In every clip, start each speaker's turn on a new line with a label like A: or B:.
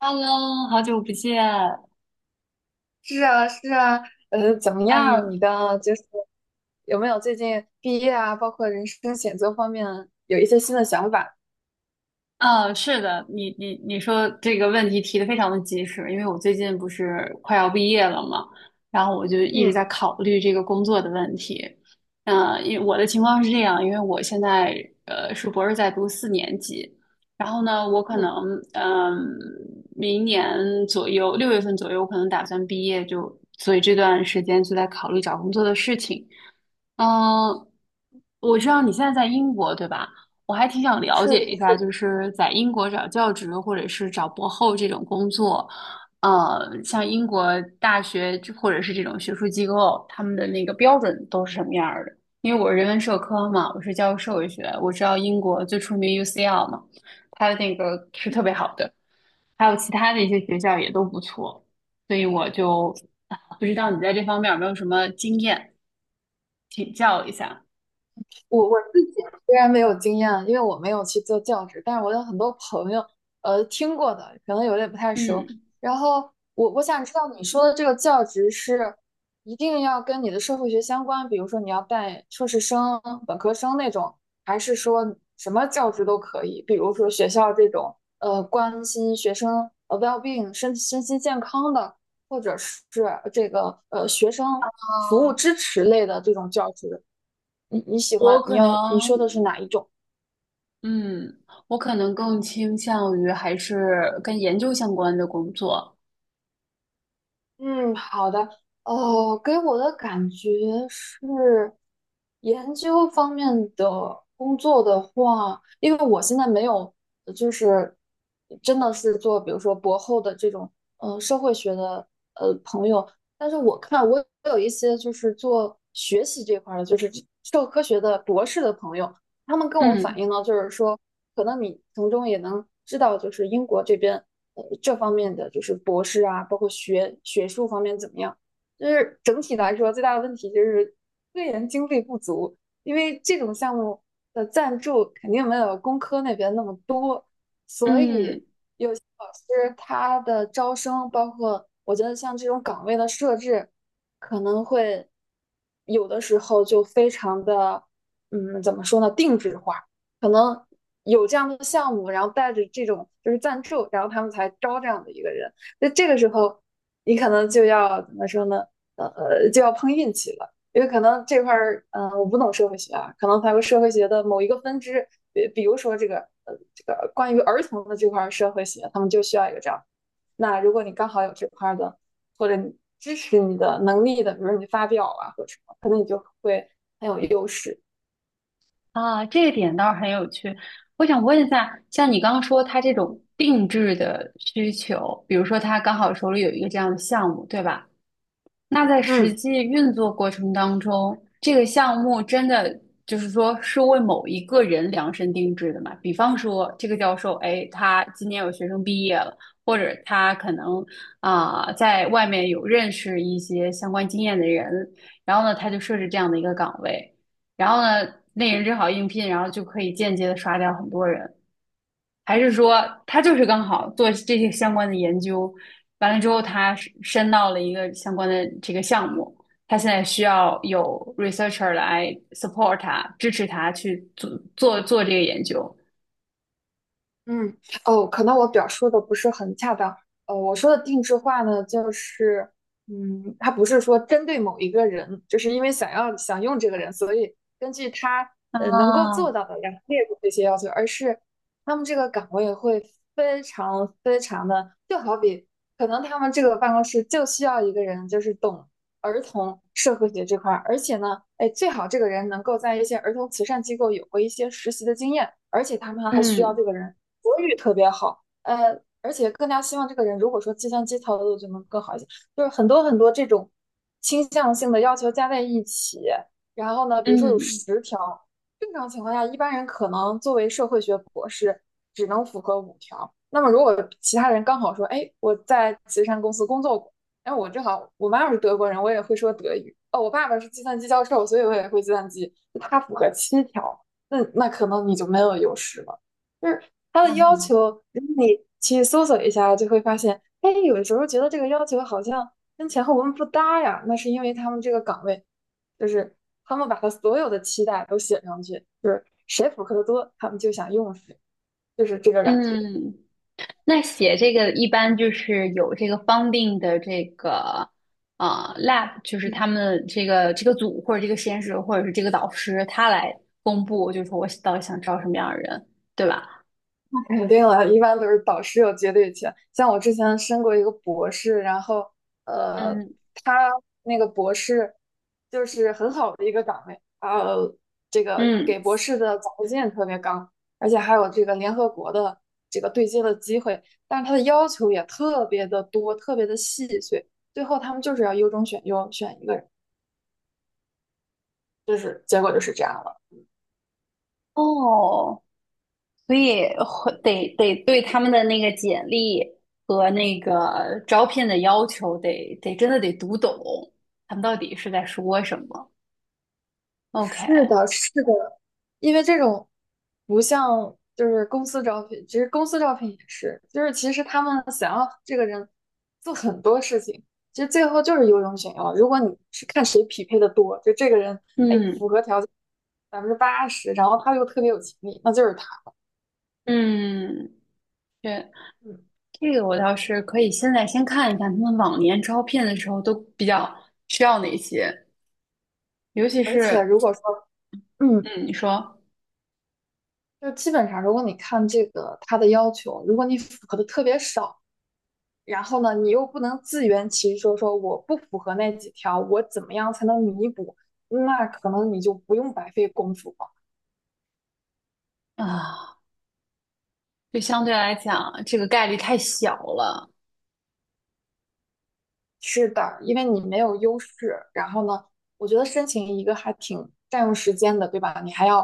A: Hello，好久不见。
B: 是啊，是啊，怎么
A: 哎
B: 样？
A: 呦，
B: 你的就是有没有最近毕业啊，包括人生选择方面有一些新的想法？
A: 啊，是的，你说这个问题提的非常的及时，因为我最近不是快要毕业了嘛，然后我就一直在
B: 嗯
A: 考虑这个工作的问题。因为我的情况是这样，因为我现在是博士在读四年级，然后呢，我可能
B: 嗯，
A: 嗯、明年左右六月份左右，我可能打算毕业就，所以这段时间就在考虑找工作的事情。嗯，我知道你现在在英国，对吧？我还挺想了
B: 是
A: 解
B: 的，
A: 一
B: 是
A: 下，
B: 的。
A: 就是在英国找教职或者是找博后这种工作，像英国大学或者是这种学术机构，他们的那个标准都是什么样儿的？因为我是人文社科嘛，我是教社会学，我知道英国最出名 UCL 嘛，它的那个是特别好的，还有其他的一些学校也都不错，所以我就不知道你在这方面有没有什么经验，请教一下。
B: 我自己虽然没有经验，因为我没有去做教职，但是我有很多朋友，听过的，可能有点不太熟。
A: 嗯，
B: 然后我想知道你说的这个教职是一定要跟你的社会学相关，比如说你要带硕士生、本科生那种，还是说什么教职都可以？比如说学校这种，关心学生well-being 身心健康的，或者是这个学
A: 啊，
B: 生服务支持类的这种教职。你你喜
A: 我
B: 欢你
A: 可能，
B: 要你说的是哪一种？
A: 嗯，我可能更倾向于还是跟研究相关的工作。
B: 嗯，好的。哦，给我的感觉是，研究方面的工作的话，因为我现在没有，就是真的是做，比如说博后的这种，社会学的，朋友。但是我看我有一些就是做学习这块儿的，就是社会科学的博士的朋友，他们跟我反
A: 嗯
B: 映呢，就是说，可能你从中也能知道，就是英国这边这方面的就是博士啊，包括学术方面怎么样。就是整体来说，最大的问题就是科研经费不足，因为这种项目的赞助肯定没有工科那边那么多，所以
A: 嗯，
B: 其实他的招生，包括我觉得像这种岗位的设置，可能会有的时候就非常的，嗯，怎么说呢，定制化，可能有这样的项目，然后带着这种就是赞助，然后他们才招这样的一个人。那这个时候，你可能就要怎么说呢？就要碰运气了。因为可能这块儿，我不懂社会学啊，可能它有社会学的某一个分支，比如说这个，这个关于儿童的这块社会学，他们就需要一个这样。那如果你刚好有这块的，或者你支持你的能力的，比如你发表啊或者什么，可能你就会很有优势。
A: 啊，这个点倒是很有趣。我想问一下，像你刚刚说他这种定制的需求，比如说他刚好手里有一个这样的项目，对吧？那在实
B: 嗯，
A: 际运作过程当中，这个项目真的就是说是为某一个人量身定制的嘛？比方说，这个教授，哎，他今年有学生毕业了，或者他可能在外面有认识一些相关经验的人，然后呢，他就设置这样的一个岗位，然后呢，那人正好应聘，然后就可以间接的刷掉很多人。还是说他就是刚好做这些相关的研究，完了之后他申到了一个相关的这个项目，他现在需要有 researcher 来 support 他，支持他去做做这个研究。
B: 嗯，哦，可能我表述的不是很恰当。我说的定制化呢，就是，嗯，它不是说针对某一个人，就是因为想要想用这个人，所以根据他能够
A: 啊，
B: 做到的，然后列入这些要求，而是他们这个岗位会非常非常的，就好比可能他们这个办公室就需要一个人，就是懂儿童社会学这块而且呢，哎，最好这个人能够在一些儿童慈善机构有过一些实习的经验，而且他们还需要
A: 嗯
B: 这个人国语特别好，而且更加希望这个人如果说计算机操作就能更好一些，就是很多很多这种倾向性的要求加在一起，然后呢，比如说有
A: 嗯
B: 10条，正常情况下一般人可能作为社会学博士只能符合5条，那么如果其他人刚好说，哎，我在慈善公司工作然后我正好，我妈妈是德国人，我也会说德语。哦，我爸爸是计算机教授，所以我也会计算机。他符合7条，那可能你就没有优势了。就是他的要
A: 嗯
B: 求，你去搜索一下就会发现，哎，有的时候觉得这个要求好像跟前后文不搭呀。那是因为他们这个岗位，就是他们把他所有的期待都写上去，就是谁符合的多，他们就想用谁，就是这个感觉。
A: 嗯。那写这个一般就是有这个 funding 的这个lab,就是他们这个组或者这个实验室或者是这个导师他来公布，就是说我到底想招什么样的人，对吧？
B: 肯定了，一般都是导师有绝对权。像我之前申过一个博士，然后呃，
A: 嗯，
B: 他那个博士就是很好的一个岗位，这个
A: 嗯，
B: 给博士的奖学金也特别高，而且还有这个联合国的这个对接的机会，但是他的要求也特别的多，特别的细碎。最后他们就是要优中选优，选一个人，就是结果就是这样了。
A: 哦，所以会得对他们的那个简历和那个招聘的要求得真的得读懂，他们到底是在说什么。OK,
B: 是的，是的，因为这种不像就是公司招聘，其实公司招聘也是，就是其实他们想要这个人做很多事情，其实最后就是优中选优。如果你是看谁匹配的多，就这个人哎符
A: 嗯
B: 合条件80%，然后他又特别有潜力，那就是他。
A: 嗯，对，
B: 嗯，
A: 这个我倒是可以现在先看一看他们往年招聘的时候都比较需要哪些，尤其
B: 而且
A: 是
B: 如果说嗯，
A: 嗯，你说
B: 就基本上如果你看这个他的要求，如果你符合的特别少，然后呢，你又不能自圆其说，说我不符合那几条，我怎么样才能弥补？那可能你就不用白费功夫了。
A: 啊，就相对来讲这个概率太小了。
B: 是的，因为你没有优势。然后呢，我觉得申请一个还挺占用时间的，对吧？你还要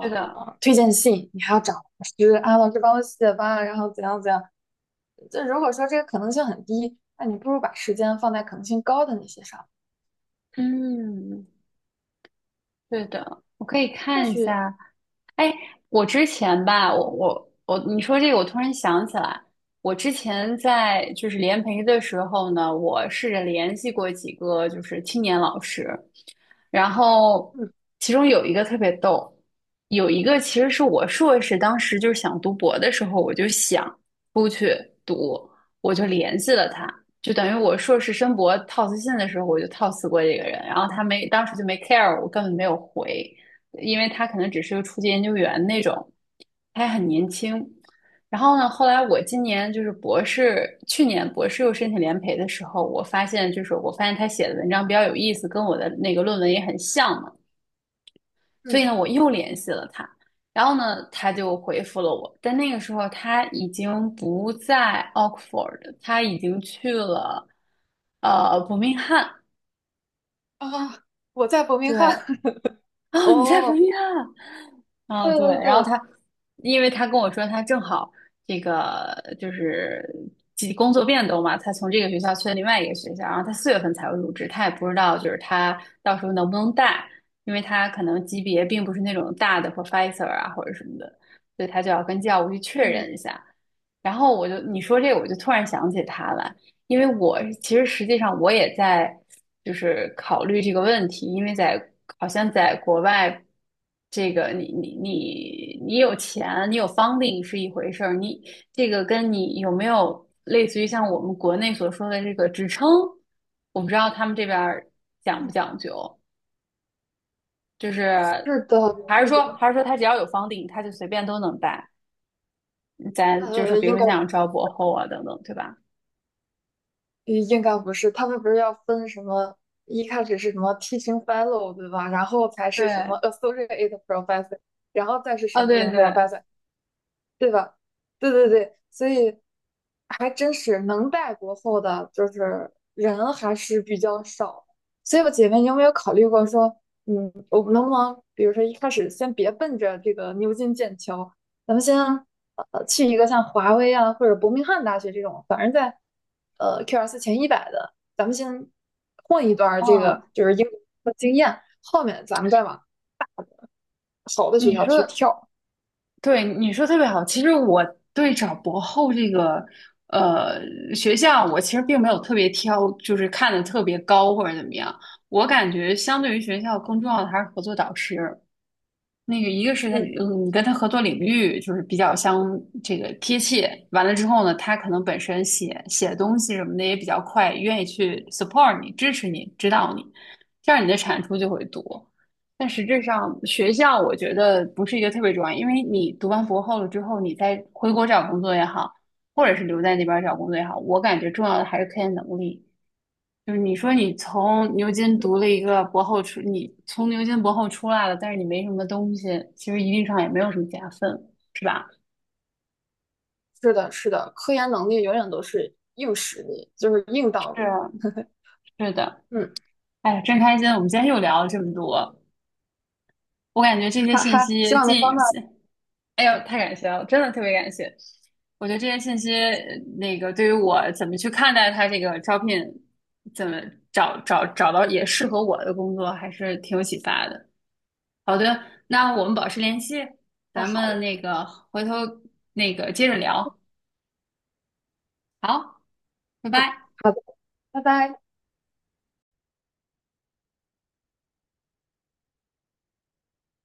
A: 对的，
B: 推荐信，你还要找老师啊，老师帮我写吧，然后怎样怎样。就如果说这个可能性很低，那你不如把时间放在可能性高的那些上。
A: 嗯，对的，我可以
B: 或
A: 看一
B: 许，
A: 下哎，我之前吧，我，你说这个，我突然想起来，我之前在就是联培的时候呢，我试着联系过几个就是青年老师，然后
B: 嗯
A: 其中有一个特别逗，有一个其实是我硕士当时就是想读博的时候，我就想出去读，我就联系了他，就等于我硕士申博套词信的时候，我就套词过这个人，然后他没当时就没 care,我根本没有回。因为他可能只是个初级研究员那种，他还很年轻。然后呢，后来我今年就是博士，去年博士又申请联培的时候，我发现我发现他写的文章比较有意思，跟我的那个论文也很像嘛，所以
B: 嗯
A: 呢，我又联系了他。然后呢，他就回复了我，但那个时候他已经不在 Oxford,他已经去了伯明翰。
B: 啊，我在伯明
A: 对，
B: 翰。
A: 哦，你在伯
B: 哦，
A: 明翰。啊，
B: 对
A: 对，
B: 对
A: 然后
B: 对，
A: 他，因为他跟我说他正好这个就是几工作变动嘛，他从这个学校去了另外一个学校，然后他四月份才会入职，他也不知道就是他到时候能不能带，因为他可能级别并不是那种大的 professor 啊或者什么的，所以他就要跟教务去确
B: 嗯，
A: 认一下。然后我就你说这个，我就突然想起他来，因为我其实实际上我也在就是考虑这个问题，因为在好像在国外，这个你有钱，你有 funding 是一回事儿，你这个跟你有没有类似于像我们国内所说的这个职称，我不知道他们这边儿讲不讲究，就
B: 是
A: 是
B: 的，
A: 还是
B: 是
A: 说
B: 的，
A: 还是说他只要有 funding,他就随便都能带，咱就是比如
B: 应
A: 说
B: 该
A: 像招博后啊等等，对吧？
B: 嗯应该不是，他们不是要分什么，一开始是什么 teaching fellow 对吧？然后才是什
A: 对，
B: 么 associate professor，然后再是什
A: 啊
B: 么什
A: 对
B: 么
A: 对，
B: professor，对吧？对对对，所以还真是能带国货的，就是人还是比较少的所以我姐妹，你有没有考虑过说，嗯，我们能不能，比如说一开始先别奔着这个牛津、剑桥，咱们先去一个像华威啊或者伯明翰大学这种，反正在QS 前100的，咱们先混一段儿这
A: 嗯。
B: 个就是英国经验，后面咱们再往好的学
A: 你
B: 校
A: 说，
B: 去跳。
A: 对，你说特别好。其实我对找博后这个呃学校，我其实并没有特别挑，就是看的特别高或者怎么样。我感觉相对于学校更重要的还是合作导师。那个一个是他，
B: 嗯。
A: 嗯，你跟他合作领域就是比较相这个贴切，完了之后呢，他可能本身写写东西什么的也比较快，愿意去 support 你、支持你、指导你，这样你的产出就会多。但实质上，学校我觉得不是一个特别重要，因为你读完博后了之后，你再回国找工作也好，或者是留在那边儿找工作也好，我感觉重要的还是科研能力。就是你说你从牛津读了一个博后出，你从牛津博后出来了，但是你没什么东西，其实一定上也没有什么加分，是吧？
B: 是的，是的，科研能力永远都是硬实力，就是硬道
A: 是
B: 理。
A: 啊，是的，
B: 嗯，
A: 哎呀，真开心！我们今天又聊了这么多，我感觉这些
B: 哈
A: 信
B: 哈，希
A: 息
B: 望能帮
A: 进，
B: 到
A: 哎呦，太感谢了，真的特别感谢。我觉得这些信息，那个对于我怎么去看待他这个招聘，怎么找到也适合我的工作，还是挺有启发的。好的，那我们保持联系，
B: 他
A: 咱
B: 好
A: 们
B: 了。
A: 那个回头那个接着聊。好，拜
B: 嗯，
A: 拜。
B: 好的，拜拜。